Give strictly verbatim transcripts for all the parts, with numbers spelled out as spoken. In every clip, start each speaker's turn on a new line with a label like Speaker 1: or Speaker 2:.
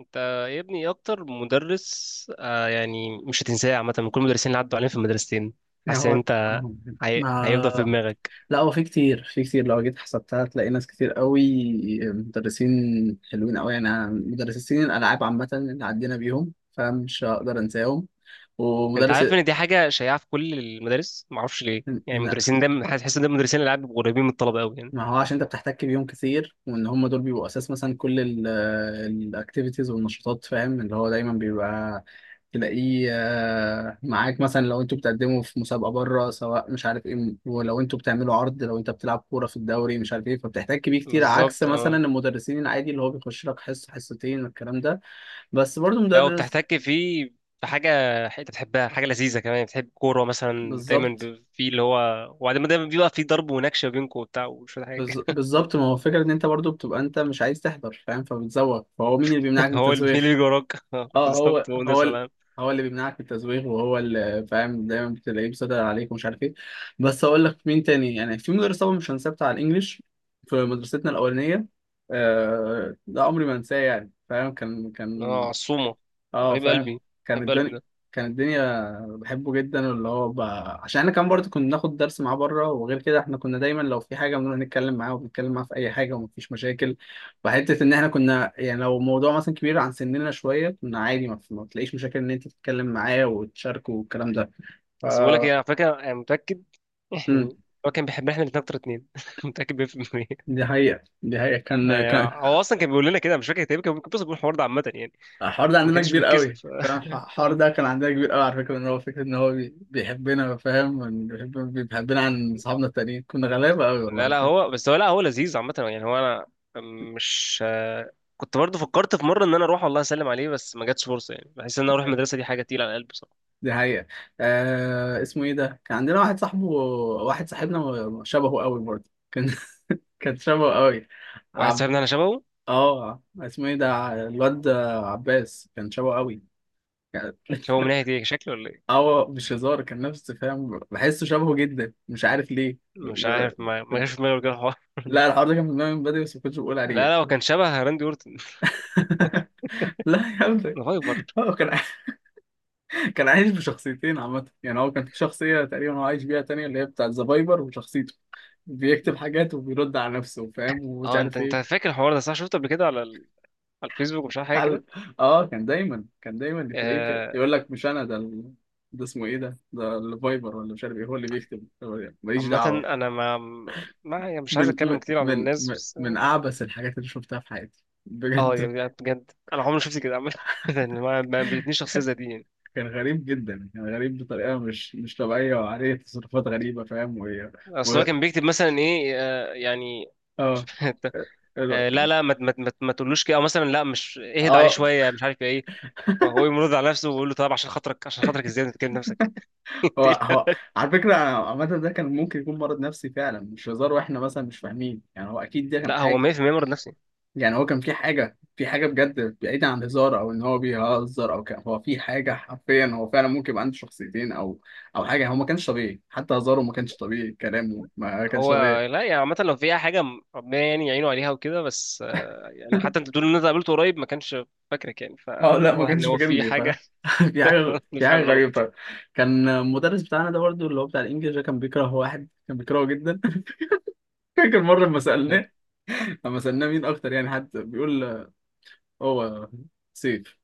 Speaker 1: انت يا ابني ايه اكتر مدرس آه يعني مش هتنساه عامه، من كل المدرسين اللي عدوا علينا في المدرستين؟
Speaker 2: يعني
Speaker 1: حاسس ان
Speaker 2: هو
Speaker 1: انت هي... هيفضل في
Speaker 2: ما
Speaker 1: دماغك.
Speaker 2: لا، هو في كتير، في كتير لو جيت حسبتها هتلاقي ناس كتير قوي، مدرسين حلوين قوي يعني. أنا مدرسين الألعاب عامة اللي عدينا بيهم فمش هقدر أنساهم،
Speaker 1: انت
Speaker 2: ومدرس.
Speaker 1: عارف ان دي حاجه شائعه في كل المدارس، معرفش ليه؟ يعني
Speaker 2: لا،
Speaker 1: المدرسين دايما تحس ان ده المدرسين اللي قاعد قريبين من الطلبه قوي، يعني.
Speaker 2: ما هو عشان انت بتحتك بيهم كتير، وان هم دول بيبقوا اساس مثلا كل الاكتيفيتيز والنشاطات، فاهم، اللي هو دايما بيبقى تلاقيه، آه، معاك مثلا لو انتوا بتقدموا في مسابقه بره، سواء مش عارف ايه، ولو انتوا بتعملوا عرض، لو انت بتلعب كوره في الدوري مش عارف ايه، فبتحتاج بيه كتير، عكس
Speaker 1: بالظبط،
Speaker 2: مثلا
Speaker 1: اه.
Speaker 2: المدرسين العادي اللي هو بيخش لك حصه حصتين الكلام ده. بس برضو
Speaker 1: لو
Speaker 2: مدرس.
Speaker 1: بتحتك فيه بحاجه انت بتحبها، حاجه لذيذه كمان، بتحب كوره مثلا دايما،
Speaker 2: بالظبط.
Speaker 1: ب- في اللي هو، وبعدين دايما بيبقى في ضرب ونكشه بينكم وبتاع وشويه حاجه.
Speaker 2: بالظ- بالظبط، ما هو فكرة ان انت برضو بتبقى انت مش عايز تحضر، فاهم، فبتزوغ، فهو مين اللي بيمنعك من
Speaker 1: هو ال- مين
Speaker 2: التزويغ؟
Speaker 1: اللي بيجي وراك؟ اه،
Speaker 2: اه.
Speaker 1: بالظبط،
Speaker 2: هو
Speaker 1: هو
Speaker 2: هو
Speaker 1: مدرس
Speaker 2: ال-
Speaker 1: العاب.
Speaker 2: هو اللي بيمنعك من التزويغ، وهو اللي فاهم، دايما بتلاقيه مسيطر عليك، ومش عارف ايه. بس هقول لك مين تاني، يعني في مدرس طبعا مش هنساه، بتاع الانجليش في مدرستنا الاولانيه. آه ده عمري ما انساه يعني، فاهم، كان
Speaker 1: اه،
Speaker 2: كان
Speaker 1: عصومة،
Speaker 2: اه
Speaker 1: حبيب
Speaker 2: فاهم.
Speaker 1: قلبي.
Speaker 2: كان
Speaker 1: حبيب قلبي
Speaker 2: الدنيا.
Speaker 1: ده.
Speaker 2: كان الدنيا بحبه جدا، واللي هو ب... عشان احنا كمان برضه كنا بناخد درس معاه بره، وغير كده احنا كنا دايما لو في حاجه بنروح نتكلم معاه، وبنتكلم معاه في اي حاجه، ومفيش مشاكل. وحته ان احنا كنا يعني لو موضوع مثلا كبير عن سننا شويه كنا عادي، ما, ما تلاقيش مشاكل ان انت تتكلم معاه وتشاركه والكلام ده. ف.
Speaker 1: بس بقول لك ايه، على فكرة، انا متأكد.
Speaker 2: امم
Speaker 1: هو كان بيحبنا احنا الاتنين اكتر، اتنين. متأكد مية في المية.
Speaker 2: دي حقيقه، دي حقيقه، كان
Speaker 1: يعني
Speaker 2: كان
Speaker 1: هو اصلا كان بيقول لنا كده، مش فاكر تقريبا، كان ممكن، بس بيقول الحوار ده عامة يعني.
Speaker 2: الحوار ده
Speaker 1: ما
Speaker 2: عندنا
Speaker 1: كانش
Speaker 2: كبير
Speaker 1: بيتكسف.
Speaker 2: قوي، فاهم، الح- الحوار
Speaker 1: آه.
Speaker 2: ده كان عندنا كبير قوي على فكرة، ان هو فكرة ان هو بي- بيحبنا، فاهم، وإن بيحب- بيحبنا عن اصحابنا التانيين، كنا غلابة قوي
Speaker 1: لا
Speaker 2: والله،
Speaker 1: لا
Speaker 2: فاهم.
Speaker 1: هو بس، هو لا، هو لذيذ عامة يعني، هو انا مش. آه، كنت برضه فكرت في مرة ان انا اروح والله اسلم عليه، بس ما جاتش فرصة يعني. بحس ان انا اروح المدرسة دي حاجة تقيلة على القلب بصراحة.
Speaker 2: دي حقيقة. آه اسمه ايه ده، كان عندنا واحد صاحبه، واحد صاحبنا، شبهه قوي برضه، كان كان شبهه قوي.
Speaker 1: واحد
Speaker 2: عب...
Speaker 1: صاحبنا انا شبهه.
Speaker 2: اه اسمه ايه ده الواد، عباس، كان شبهه قوي.
Speaker 1: شبهه من ناحية ايه؟ شكله ولا ايه؟
Speaker 2: اه مش هزار، كان نفس، فاهم، بحسه شبهه جدا، مش عارف ليه.
Speaker 1: مش عارف، ما ما جاش في دماغي كده الحوار ده.
Speaker 2: لا، الحوار ده كان في دماغي من بدري، بس ما كنتش بقول
Speaker 1: لا
Speaker 2: عليه.
Speaker 1: لا هو كان شبه راندي اورتن،
Speaker 2: لا يا ابني.
Speaker 1: الهايبر.
Speaker 2: هو كان. كان عايش بشخصيتين عامة يعني، هو كان في شخصية تقريبا هو عايش بيها تانية، اللي هي بتاع الزبايبر وشخصيته، بيكتب حاجات وبيرد على نفسه، فاهم، ومش
Speaker 1: اه، انت
Speaker 2: عارف
Speaker 1: انت
Speaker 2: ايه.
Speaker 1: فاكر الحوار ده؟ صح، شفته قبل كده على ال... على الفيسبوك ومش عارف حاجه كده.
Speaker 2: قال. اه كان دايما، كان دايما تلاقيه كده
Speaker 1: آه...
Speaker 2: يقول لك مش انا ده ال... ده اسمه ايه ده، ده الفايبر ولا مش عارف ايه، هو اللي بيكتب، هو اللي- ماليش
Speaker 1: عامه
Speaker 2: دعوة.
Speaker 1: انا ما ما يعني مش عايز
Speaker 2: من
Speaker 1: اتكلم
Speaker 2: من
Speaker 1: كتير عن
Speaker 2: من
Speaker 1: الناس،
Speaker 2: من
Speaker 1: بس.
Speaker 2: من اعبث الحاجات اللي شفتها في حياتي
Speaker 1: اه
Speaker 2: بجد.
Speaker 1: يعني، بجد انا عمري ما شفت كده عامه. يعني ما ما قابلتنيش شخصيه زي دي يعني.
Speaker 2: كان غريب جدا، كان غريب بطريقه مش مش طبيعيه، وعليه تصرفات غريبه، فاهم. و.
Speaker 1: اصل
Speaker 2: و.
Speaker 1: هو كان بيكتب مثلا ايه، آه يعني.
Speaker 2: اه. اه.
Speaker 1: آه لا لا ما ما ما ما تقولوش كده، او مثلا لا مش اهد عليه
Speaker 2: آه،
Speaker 1: شويه مش عارف ايه. هو يمرض على نفسه ويقول له طب عشان خاطرك، عشان خاطرك، ازاي انت بتكلم نفسك؟ إنت
Speaker 2: هو
Speaker 1: إيه
Speaker 2: هو
Speaker 1: الهبل؟
Speaker 2: على فكره، أنا عامه ده كان ممكن يكون مرض نفسي فعلا، مش هزار واحنا مثلا مش فاهمين يعني، هو اكيد ده كان
Speaker 1: لا هو
Speaker 2: حاجه.
Speaker 1: مية في المية مرض نفسي.
Speaker 2: يعني هو كان في حاجه، في حاجه بجد بعيده عن الهزار، او ان هو بيهزر، او كان هو في حاجه حرفيا، هو فعلا ممكن يبقى عنده شخصيتين، او او حاجه. هو ما كانش طبيعي، حتى هزاره ما كانش طبيعي، كلامه ما كانش
Speaker 1: هو
Speaker 2: طبيعي.
Speaker 1: لا يعني عامة، لو في أي حاجة م- ربنا يعني يعينه عليها وكده، بس. آه، يعني حتى أنت بتقول إن أنت قابلته قريب ما كانش فاكرك يعني،
Speaker 2: اه لا ما
Speaker 1: فواضح إن
Speaker 2: كانش
Speaker 1: هو في
Speaker 2: فاكرني. في
Speaker 1: حاجة.
Speaker 2: حاجة، في
Speaker 1: مش حاجة
Speaker 2: حاجة
Speaker 1: غلط.
Speaker 2: غريبة. كان المدرس بتاعنا ده برضه اللي هو بتاع الإنجليزي ده كان بيكره واحد، كان بيكرهه جدا. فاكر مرة لما سألناه، لما سألناه مين أكتر يعني حد بيقول، هو سيف.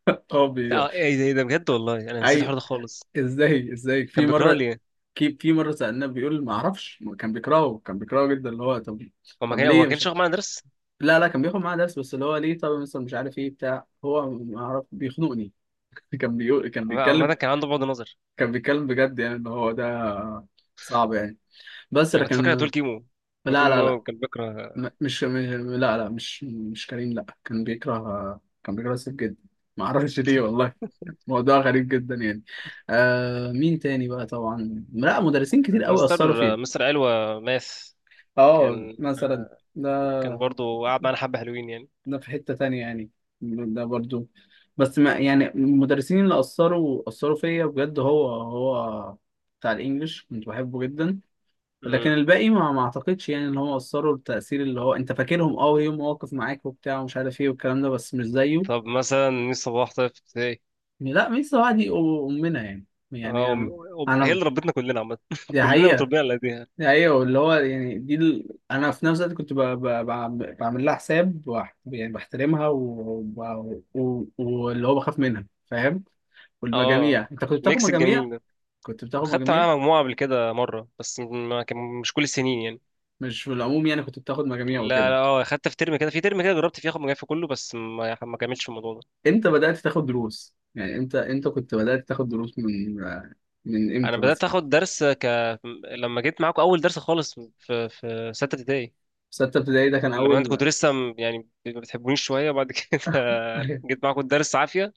Speaker 2: هو بي
Speaker 1: اه، ايه ده، ايه ده، بجد والله انا نسيت
Speaker 2: أي.
Speaker 1: الحوار ده خالص.
Speaker 2: إزاي، إزاي في
Speaker 1: كان بيكرهه
Speaker 2: مرة،
Speaker 1: ليه؟
Speaker 2: في في مرة سألناه، بيقول ما أعرفش، كان بيكرهه، كان بيكرهه جدا، اللي هو طب.
Speaker 1: هو ما
Speaker 2: طب
Speaker 1: كان، هو ما
Speaker 2: ليه؟ مش
Speaker 1: كانش
Speaker 2: عارف.
Speaker 1: واخد معايا درس.
Speaker 2: لا لا، كان بياخد معاه درس، بس اللي هو ليه طب مثلا مش عارف إيه بتاع، هو ما أعرف بيخنقني. كان بيقول، كان بيتكلم،
Speaker 1: عامة كان عنده بعد نظر.
Speaker 2: كان بيتكلم بجد يعني، اللي هو ده صعب يعني، بس
Speaker 1: يعني كنت فاكر هتقول
Speaker 2: لكن.
Speaker 1: كيمو، كنت
Speaker 2: لا
Speaker 1: تقول إن
Speaker 2: لا لا.
Speaker 1: هو كان
Speaker 2: م-
Speaker 1: بيكره.
Speaker 2: مش م- لا لا، مش مش كريم، لا كان بيكره، كان بيكره سيف جدا، ما اعرفش ليه والله. موضوع غريب جدا يعني. آه مين تاني بقى؟ طبعا لا، مدرسين كتير قوي
Speaker 1: مستر،
Speaker 2: اثروا فيه.
Speaker 1: مستر علوة ماث،
Speaker 2: اه
Speaker 1: كان.
Speaker 2: مثلا. ده.
Speaker 1: كان برضه قعد معانا حبة حلوين يعني.
Speaker 2: ده في حتة تانية يعني. ده برضو، بس ما يعني، المدرسين اللي اثروا اثروا فيا بجد هو، هو بتاع الانجليش، كنت بحبه جدا. لكن
Speaker 1: مم.
Speaker 2: الباقي ما ما اعتقدش، يعني ان هم اثروا التأثير اللي هو انت فاكرهم، اه ليهم مواقف معاك وبتاع ومش عارف ايه والكلام ده، بس مش زيه.
Speaker 1: طب مثلا مين؟ صباح طيب.
Speaker 2: لا، ميسي بقى دي امنا يعني. يعني
Speaker 1: اه، وم-
Speaker 2: انا.
Speaker 1: وب- هي
Speaker 2: أنا-
Speaker 1: اللي ربتنا كلنا عامة.
Speaker 2: دي
Speaker 1: كلنا
Speaker 2: حقيقة.
Speaker 1: متربيين على ايديها.
Speaker 2: دي حقيقة. واللي هو يعني دي ال... انا في نفس الوقت كنت ب... ب... ب- بعمل لها حساب، وبح- يعني بحترمها، وب- و... و... واللي هو بخاف منها، فاهم.
Speaker 1: اه،
Speaker 2: والمجاميع، انت كنت بتاخد
Speaker 1: ميكس
Speaker 2: مجاميع؟
Speaker 1: الجميل ده.
Speaker 2: كنت بتاخد
Speaker 1: خدت
Speaker 2: مجاميع؟
Speaker 1: معاها مجموعة قبل كده مرة، بس ما كان مش كل السنين يعني.
Speaker 2: مش في العموم يعني، كنت بتاخد مجاميع
Speaker 1: لا لا
Speaker 2: وكده.
Speaker 1: اه، خدت في ترم كده، في ترم كده جربت فيه اخد مجموعة في كله، بس ما ما كملتش في الموضوع ده.
Speaker 2: امتى بدأت تاخد دروس؟ يعني امتى امتى كنت بدأت تاخد دروس؟ من من
Speaker 1: انا
Speaker 2: امتى
Speaker 1: بدأت
Speaker 2: مثلا؟
Speaker 1: اخد درس ك لما جيت معاكم اول درس خالص، في في ستة ابتدائي.
Speaker 2: ستة ابتدائي ده كان
Speaker 1: لما انت
Speaker 2: أول؟
Speaker 1: كنت لسه م- يعني ما بتحبونيش شوية بعد كده، جيت معاكم الدرس عافية.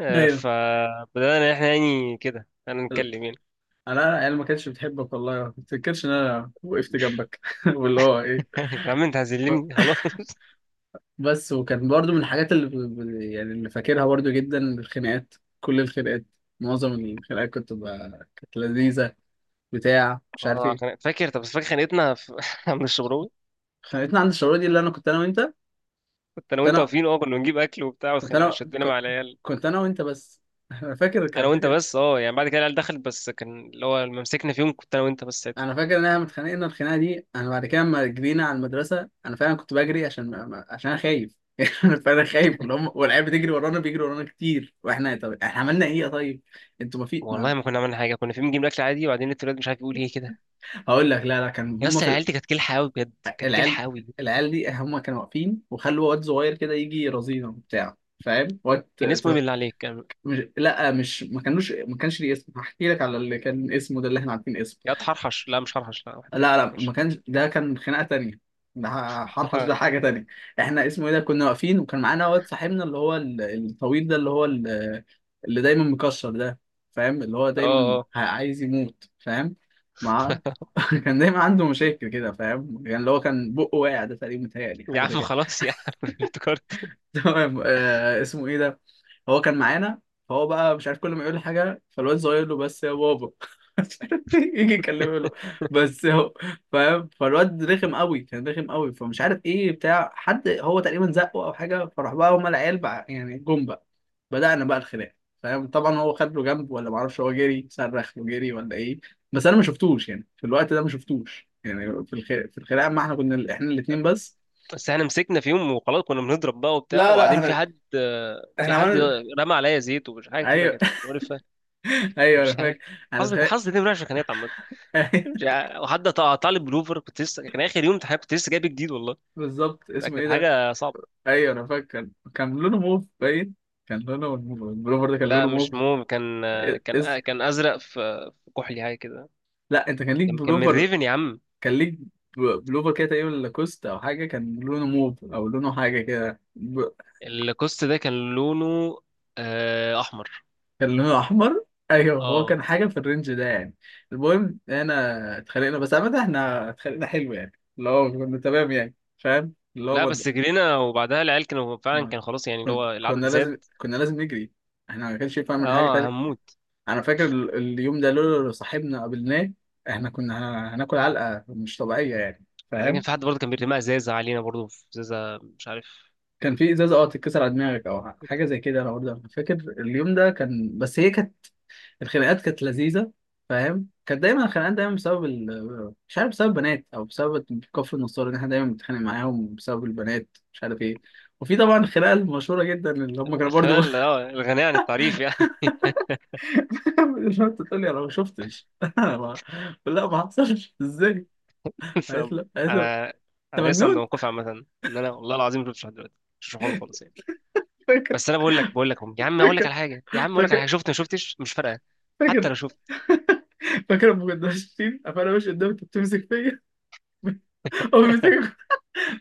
Speaker 1: آه،
Speaker 2: ايوه
Speaker 1: فبدأنا احنا يعني كده انا
Speaker 2: ايوه.
Speaker 1: نتكلم يعني.
Speaker 2: انا. انا ما كانتش بتحبك والله، ما تفتكرش ان انا وقفت جنبك، واللي هو ايه.
Speaker 1: يا عم انت هزلني خلاص.
Speaker 2: بس وكان برضو من الحاجات اللي ب- ب- يعني اللي فاكرها برضو جدا الخناقات. كل الخناقات. معظم الخناقات كنت ب... كانت لذيذة، بتاع مش عارف
Speaker 1: اه،
Speaker 2: ايه.
Speaker 1: خن- فاكر، طب بس فاكر خانقتنا في عند الشبراوي؟
Speaker 2: خانقتنا عند الشعور دي، اللي انا كنت انا وانت.
Speaker 1: كنت انا
Speaker 2: كنت
Speaker 1: وانت
Speaker 2: انا
Speaker 1: واقفين، اه، كنا بنجيب اكل وبتاع،
Speaker 2: كنت
Speaker 1: وخنا-
Speaker 2: انا
Speaker 1: شدنا
Speaker 2: ك-
Speaker 1: مع العيال.
Speaker 2: كنت انا وانت بس. انا فاكر، كان
Speaker 1: انا وانت
Speaker 2: فاكر.
Speaker 1: بس، اه يعني بعد كده العيال دخلت، بس كان اللي هو لما مسكنا فيهم كنت انا وانت بس ساعتها.
Speaker 2: انا فاكر ان احنا اتخانقنا الخناقه دي، انا بعد كده لما جرينا على المدرسه، انا فعلا كنت بجري عشان ما... ما- عشان انا خايف، انا فعلا خايف، اللي هم والعيال بتجري ورانا، بيجري ورانا كتير، واحنا طب احنا عملنا ايه يا طيب، انتوا ما في ما...
Speaker 1: والله ما كنا عملنا حاجه، كنا فيهم بنجيب الاكل عادي، وبعدين التولاد مش عارف يقول ايه كده.
Speaker 2: هقول لك. لا لا، كان
Speaker 1: يا
Speaker 2: هم
Speaker 1: اسطى
Speaker 2: في
Speaker 1: العيال
Speaker 2: ال...
Speaker 1: دي كانت كلحه قوي، بجد كانت
Speaker 2: العيال.
Speaker 1: كلحه قوي.
Speaker 2: العيال دي هم كانوا واقفين، وخلوا واد صغير كده يجي يرازينا وبتاع، فاهم، واد ت...
Speaker 1: كان اسمه ايه
Speaker 2: ت...
Speaker 1: بالله عليك، كان.
Speaker 2: مش. لا مش، ما كانوش ما كانش ليه اسم، هحكي لك على اللي كان اسمه ده اللي احنا عارفين اسمه.
Speaker 1: يا حرحش، لا مش حرحش، لا واحد تاني،
Speaker 2: لا لا، ما
Speaker 1: مش.
Speaker 2: كانش ده، كان خناقة تانية. ده حرحش،
Speaker 1: اه.
Speaker 2: ده حاجة تانية. احنا اسمه ايه ده، كنا واقفين وكان معانا واد صاحبنا، اللي هو ال- الطويل ده، اللي هو ال- اللي دايما مكشر ده، فاهم، اللي هو دايما
Speaker 1: اه
Speaker 2: ه- عايز يموت، فاهم. مع. كان دايما عنده مشاكل كده، فاهم، يعني اللي هو كان بقه واقع ده تقريبا، متهيألي
Speaker 1: يا
Speaker 2: حاجة زي
Speaker 1: عم
Speaker 2: كده.
Speaker 1: خلاص يا عم. افتكرته.
Speaker 2: تمام. آه اسمه ايه ده؟ هو كان معانا، فهو بقى مش عارف كل ما يقول حاجه فالواد صغير له بس يا بابا، مش عارف إيه، يجي يكلمه له. بس هو، فاهم، فالواد رخم قوي، كان رخم قوي، فمش عارف ايه بتاع حد، هو تقريبا زقه او حاجه، فراح بقى هما العيال بقى يعني جم بقى، بدأنا بقى الخناق، فاهم. طبعا هو خد له جنب ولا معرفش، هو جري صرخ وجري ولا ايه، بس انا ما شفتوش يعني في الوقت ده، ما شفتوش يعني في الخ... في الخناقه، ما احنا كنا ال- احنا الاثنين بس.
Speaker 1: بس احنا مسكنا في يوم وخلاص، كنا بنضرب بقى وبتاع،
Speaker 2: لا لا
Speaker 1: وبعدين في
Speaker 2: احنا.
Speaker 1: حد، في
Speaker 2: احنا
Speaker 1: حد
Speaker 2: عملنا.
Speaker 1: رمى عليا زيت ومش حاجه كده
Speaker 2: ايوه
Speaker 1: كانت مقرفه.
Speaker 2: ايوه انا
Speaker 1: مش عارف،
Speaker 2: فاكر. انا
Speaker 1: حظي،
Speaker 2: تخيل.
Speaker 1: حظي دي وحشه كانت عامه. مش عارف. وحد قطع، قطع لي بلوفر كنت لسه، كان اخر يوم امتحان كنت لسه جايب جديد والله.
Speaker 2: بالظبط،
Speaker 1: ده
Speaker 2: اسمه ايه
Speaker 1: كانت
Speaker 2: ده؟
Speaker 1: حاجه صعبه.
Speaker 2: ايوه انا فاكر، كان لونه موف باين. كان لونه البلوفر ده كان
Speaker 1: لا
Speaker 2: لونه
Speaker 1: مش
Speaker 2: موف.
Speaker 1: موم، كان، كان
Speaker 2: اس...
Speaker 1: كان ازرق في، في كحلي حاجه كده.
Speaker 2: لا انت كان ليك
Speaker 1: كان، كان من
Speaker 2: بلوفر،
Speaker 1: ريفن يا عم.
Speaker 2: كان ليك ب- بلوفر كده تقريبا لاكوست او حاجه، كان لونه موف او لونه حاجه كده ب...
Speaker 1: الكوست ده كان لونه، آه، احمر.
Speaker 2: كان لونه احمر. ايوه، هو
Speaker 1: اه.
Speaker 2: كان حاجه في الرينج ده يعني. المهم انا اتخانقنا، بس عامه احنا اتخانقنا حلو يعني، اللي هو كنا تمام يعني، فاهم، اللي هو
Speaker 1: لا
Speaker 2: ما
Speaker 1: بس جرينا، وبعدها العيال كانوا فعلا
Speaker 2: ما-
Speaker 1: كان خلاص يعني، اللي
Speaker 2: كن...
Speaker 1: هو
Speaker 2: كنا
Speaker 1: العدد
Speaker 2: لازم
Speaker 1: زاد.
Speaker 2: كنا لازم نجري، احنا ما كانش ينفع نعمل حاجه
Speaker 1: اه
Speaker 2: تانية.
Speaker 1: هموت.
Speaker 2: انا فاكر ال- اليوم ده لولا لو صاحبنا قابلناه، احنا كنا ه- هناكل علقه مش طبيعيه يعني،
Speaker 1: بعدين كان
Speaker 2: فاهم.
Speaker 1: في حد برضه كان بيرمي ازازه علينا برضه، في ازازه مش عارف.
Speaker 2: كان في ازازه اه تتكسر على دماغك او حاجه زي كده، انا برضه أنا فاكر اليوم ده كان، بس هي كانت الخناقات كانت لذيذه، فاهم. كانت دايما الخناقات دايما بسبب ال... مش عارف بسبب بنات، او بسبب كفر النصارى ان احنا دايما بنتخانق معاهم بسبب البنات، مش عارف ايه. وفي طبعا الخناقه المشهوره جدا اللي هم كانوا
Speaker 1: الخناقه
Speaker 2: برضو.
Speaker 1: اللي هو الغنية عن التعريف يعني.
Speaker 2: مش شفت تقول لي انا ما شفتش. انا ما. لا ما حصلش ازاي، قالت
Speaker 1: طب،
Speaker 2: له، قالت له
Speaker 1: انا
Speaker 2: انت
Speaker 1: انا لسه عند
Speaker 2: مجنون.
Speaker 1: موقفي عامه، ان انا والله العظيم ما شفتش لحد دلوقتي، مش شفتش الحوار ده خالص يعني.
Speaker 2: فاكر
Speaker 1: بس انا بقول لك بقول لك يا عم، اقول لك على
Speaker 2: فاكر
Speaker 1: حاجه، يا عم اقول لك على
Speaker 2: فاكر
Speaker 1: حاجه، شفت ما شفتش مش فارقه. حتى
Speaker 2: فاكر
Speaker 1: لو شفت.
Speaker 2: فاكر لما كنا ماشيين، فانا ماشي قدامك، انت بتمسك فيا. هو بيمسك.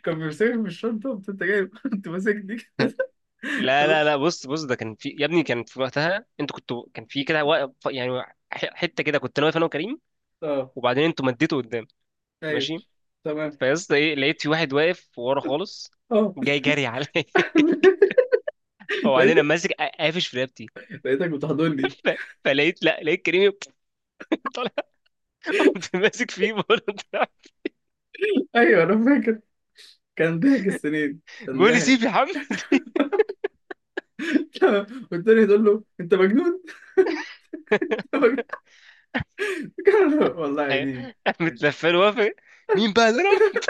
Speaker 2: كان بيمسكك بالشنطه، قمت انت جاي كنت ماسك دي. كده.
Speaker 1: لا
Speaker 2: لا.
Speaker 1: لا لا بص بص ده كان في يا ابني، كان في وقتها انتوا كنتوا، كان في كده واقف يعني. ح- حته كده كنت انا واقف، انا وكريم،
Speaker 2: اه.
Speaker 1: وبعدين انتوا مديتوا قدام،
Speaker 2: ايوه.
Speaker 1: ماشي.
Speaker 2: تمام.
Speaker 1: فيا اسطى ايه، لقيت في واحد واقف ورا خالص،
Speaker 2: اه.
Speaker 1: جاي جري عليا. وبعدين انا
Speaker 2: لقيتك.
Speaker 1: ماسك قافش في رقبتي،
Speaker 2: لقيتك بتحضني.
Speaker 1: فلقيت، لا لقيت كريمي طالع. قمت ماسك فيه برضه طلع.
Speaker 2: ايوه انا فاكر، كان ضحك السنين، كان
Speaker 1: بيقول لي
Speaker 2: ضحك.
Speaker 1: سيب يا محمد.
Speaker 2: والتاني تقول له انت مجنون. انت مجنون. والله
Speaker 1: أيوة.
Speaker 2: دي
Speaker 1: قامت لفه له وافق. مين بقى اللي رمى؟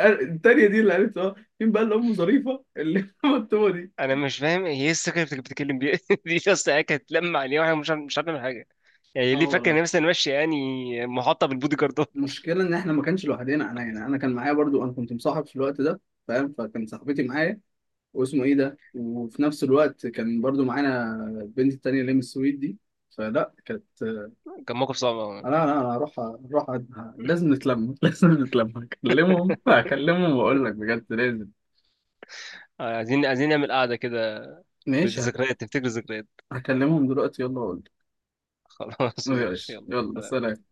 Speaker 2: التانية دي اللي عرفت اه. مين بقى اللي أمه ظريفة اللي مكتوبة دي.
Speaker 1: انا مش فاهم هي ايه الثقه اللي بتك- بتتكلم بيها؟ دي اصلا هي كانت لما عليه، واحنا مش عارف- مش عارف نعمل حاجه. يعني ليه
Speaker 2: اه
Speaker 1: فاكر ان
Speaker 2: والله،
Speaker 1: هي مثلا ماشي يعني محاطه بالبودي جاردات؟
Speaker 2: المشكله ان احنا ما كانش لوحدنا، انا يعني انا كان معايا برضو، انا كنت مصاحب في الوقت ده، فاهم، فكان صاحبتي معايا، واسمه ايه ده، وفي نفس الوقت كان برضو معانا البنت التانية اللي من السويد دي، فلا كانت آه،
Speaker 1: كان موقف صعب
Speaker 2: لا
Speaker 1: أوي.
Speaker 2: لا انا هروح، هروح أ- لازم نتلم، لازم نتلم، هكلمهم هكلمهم واقول لك بجد لازم.
Speaker 1: آه، عايزين عايزين نعمل قعده كده
Speaker 2: ماشي هك-
Speaker 1: بالذكريات، تفتكر، الذكريات.
Speaker 2: هكلمهم دلوقتي، يلا اقول لك.
Speaker 1: خلاص ماشي،
Speaker 2: ماشي
Speaker 1: يلا
Speaker 2: يلا
Speaker 1: سلام.
Speaker 2: سلام.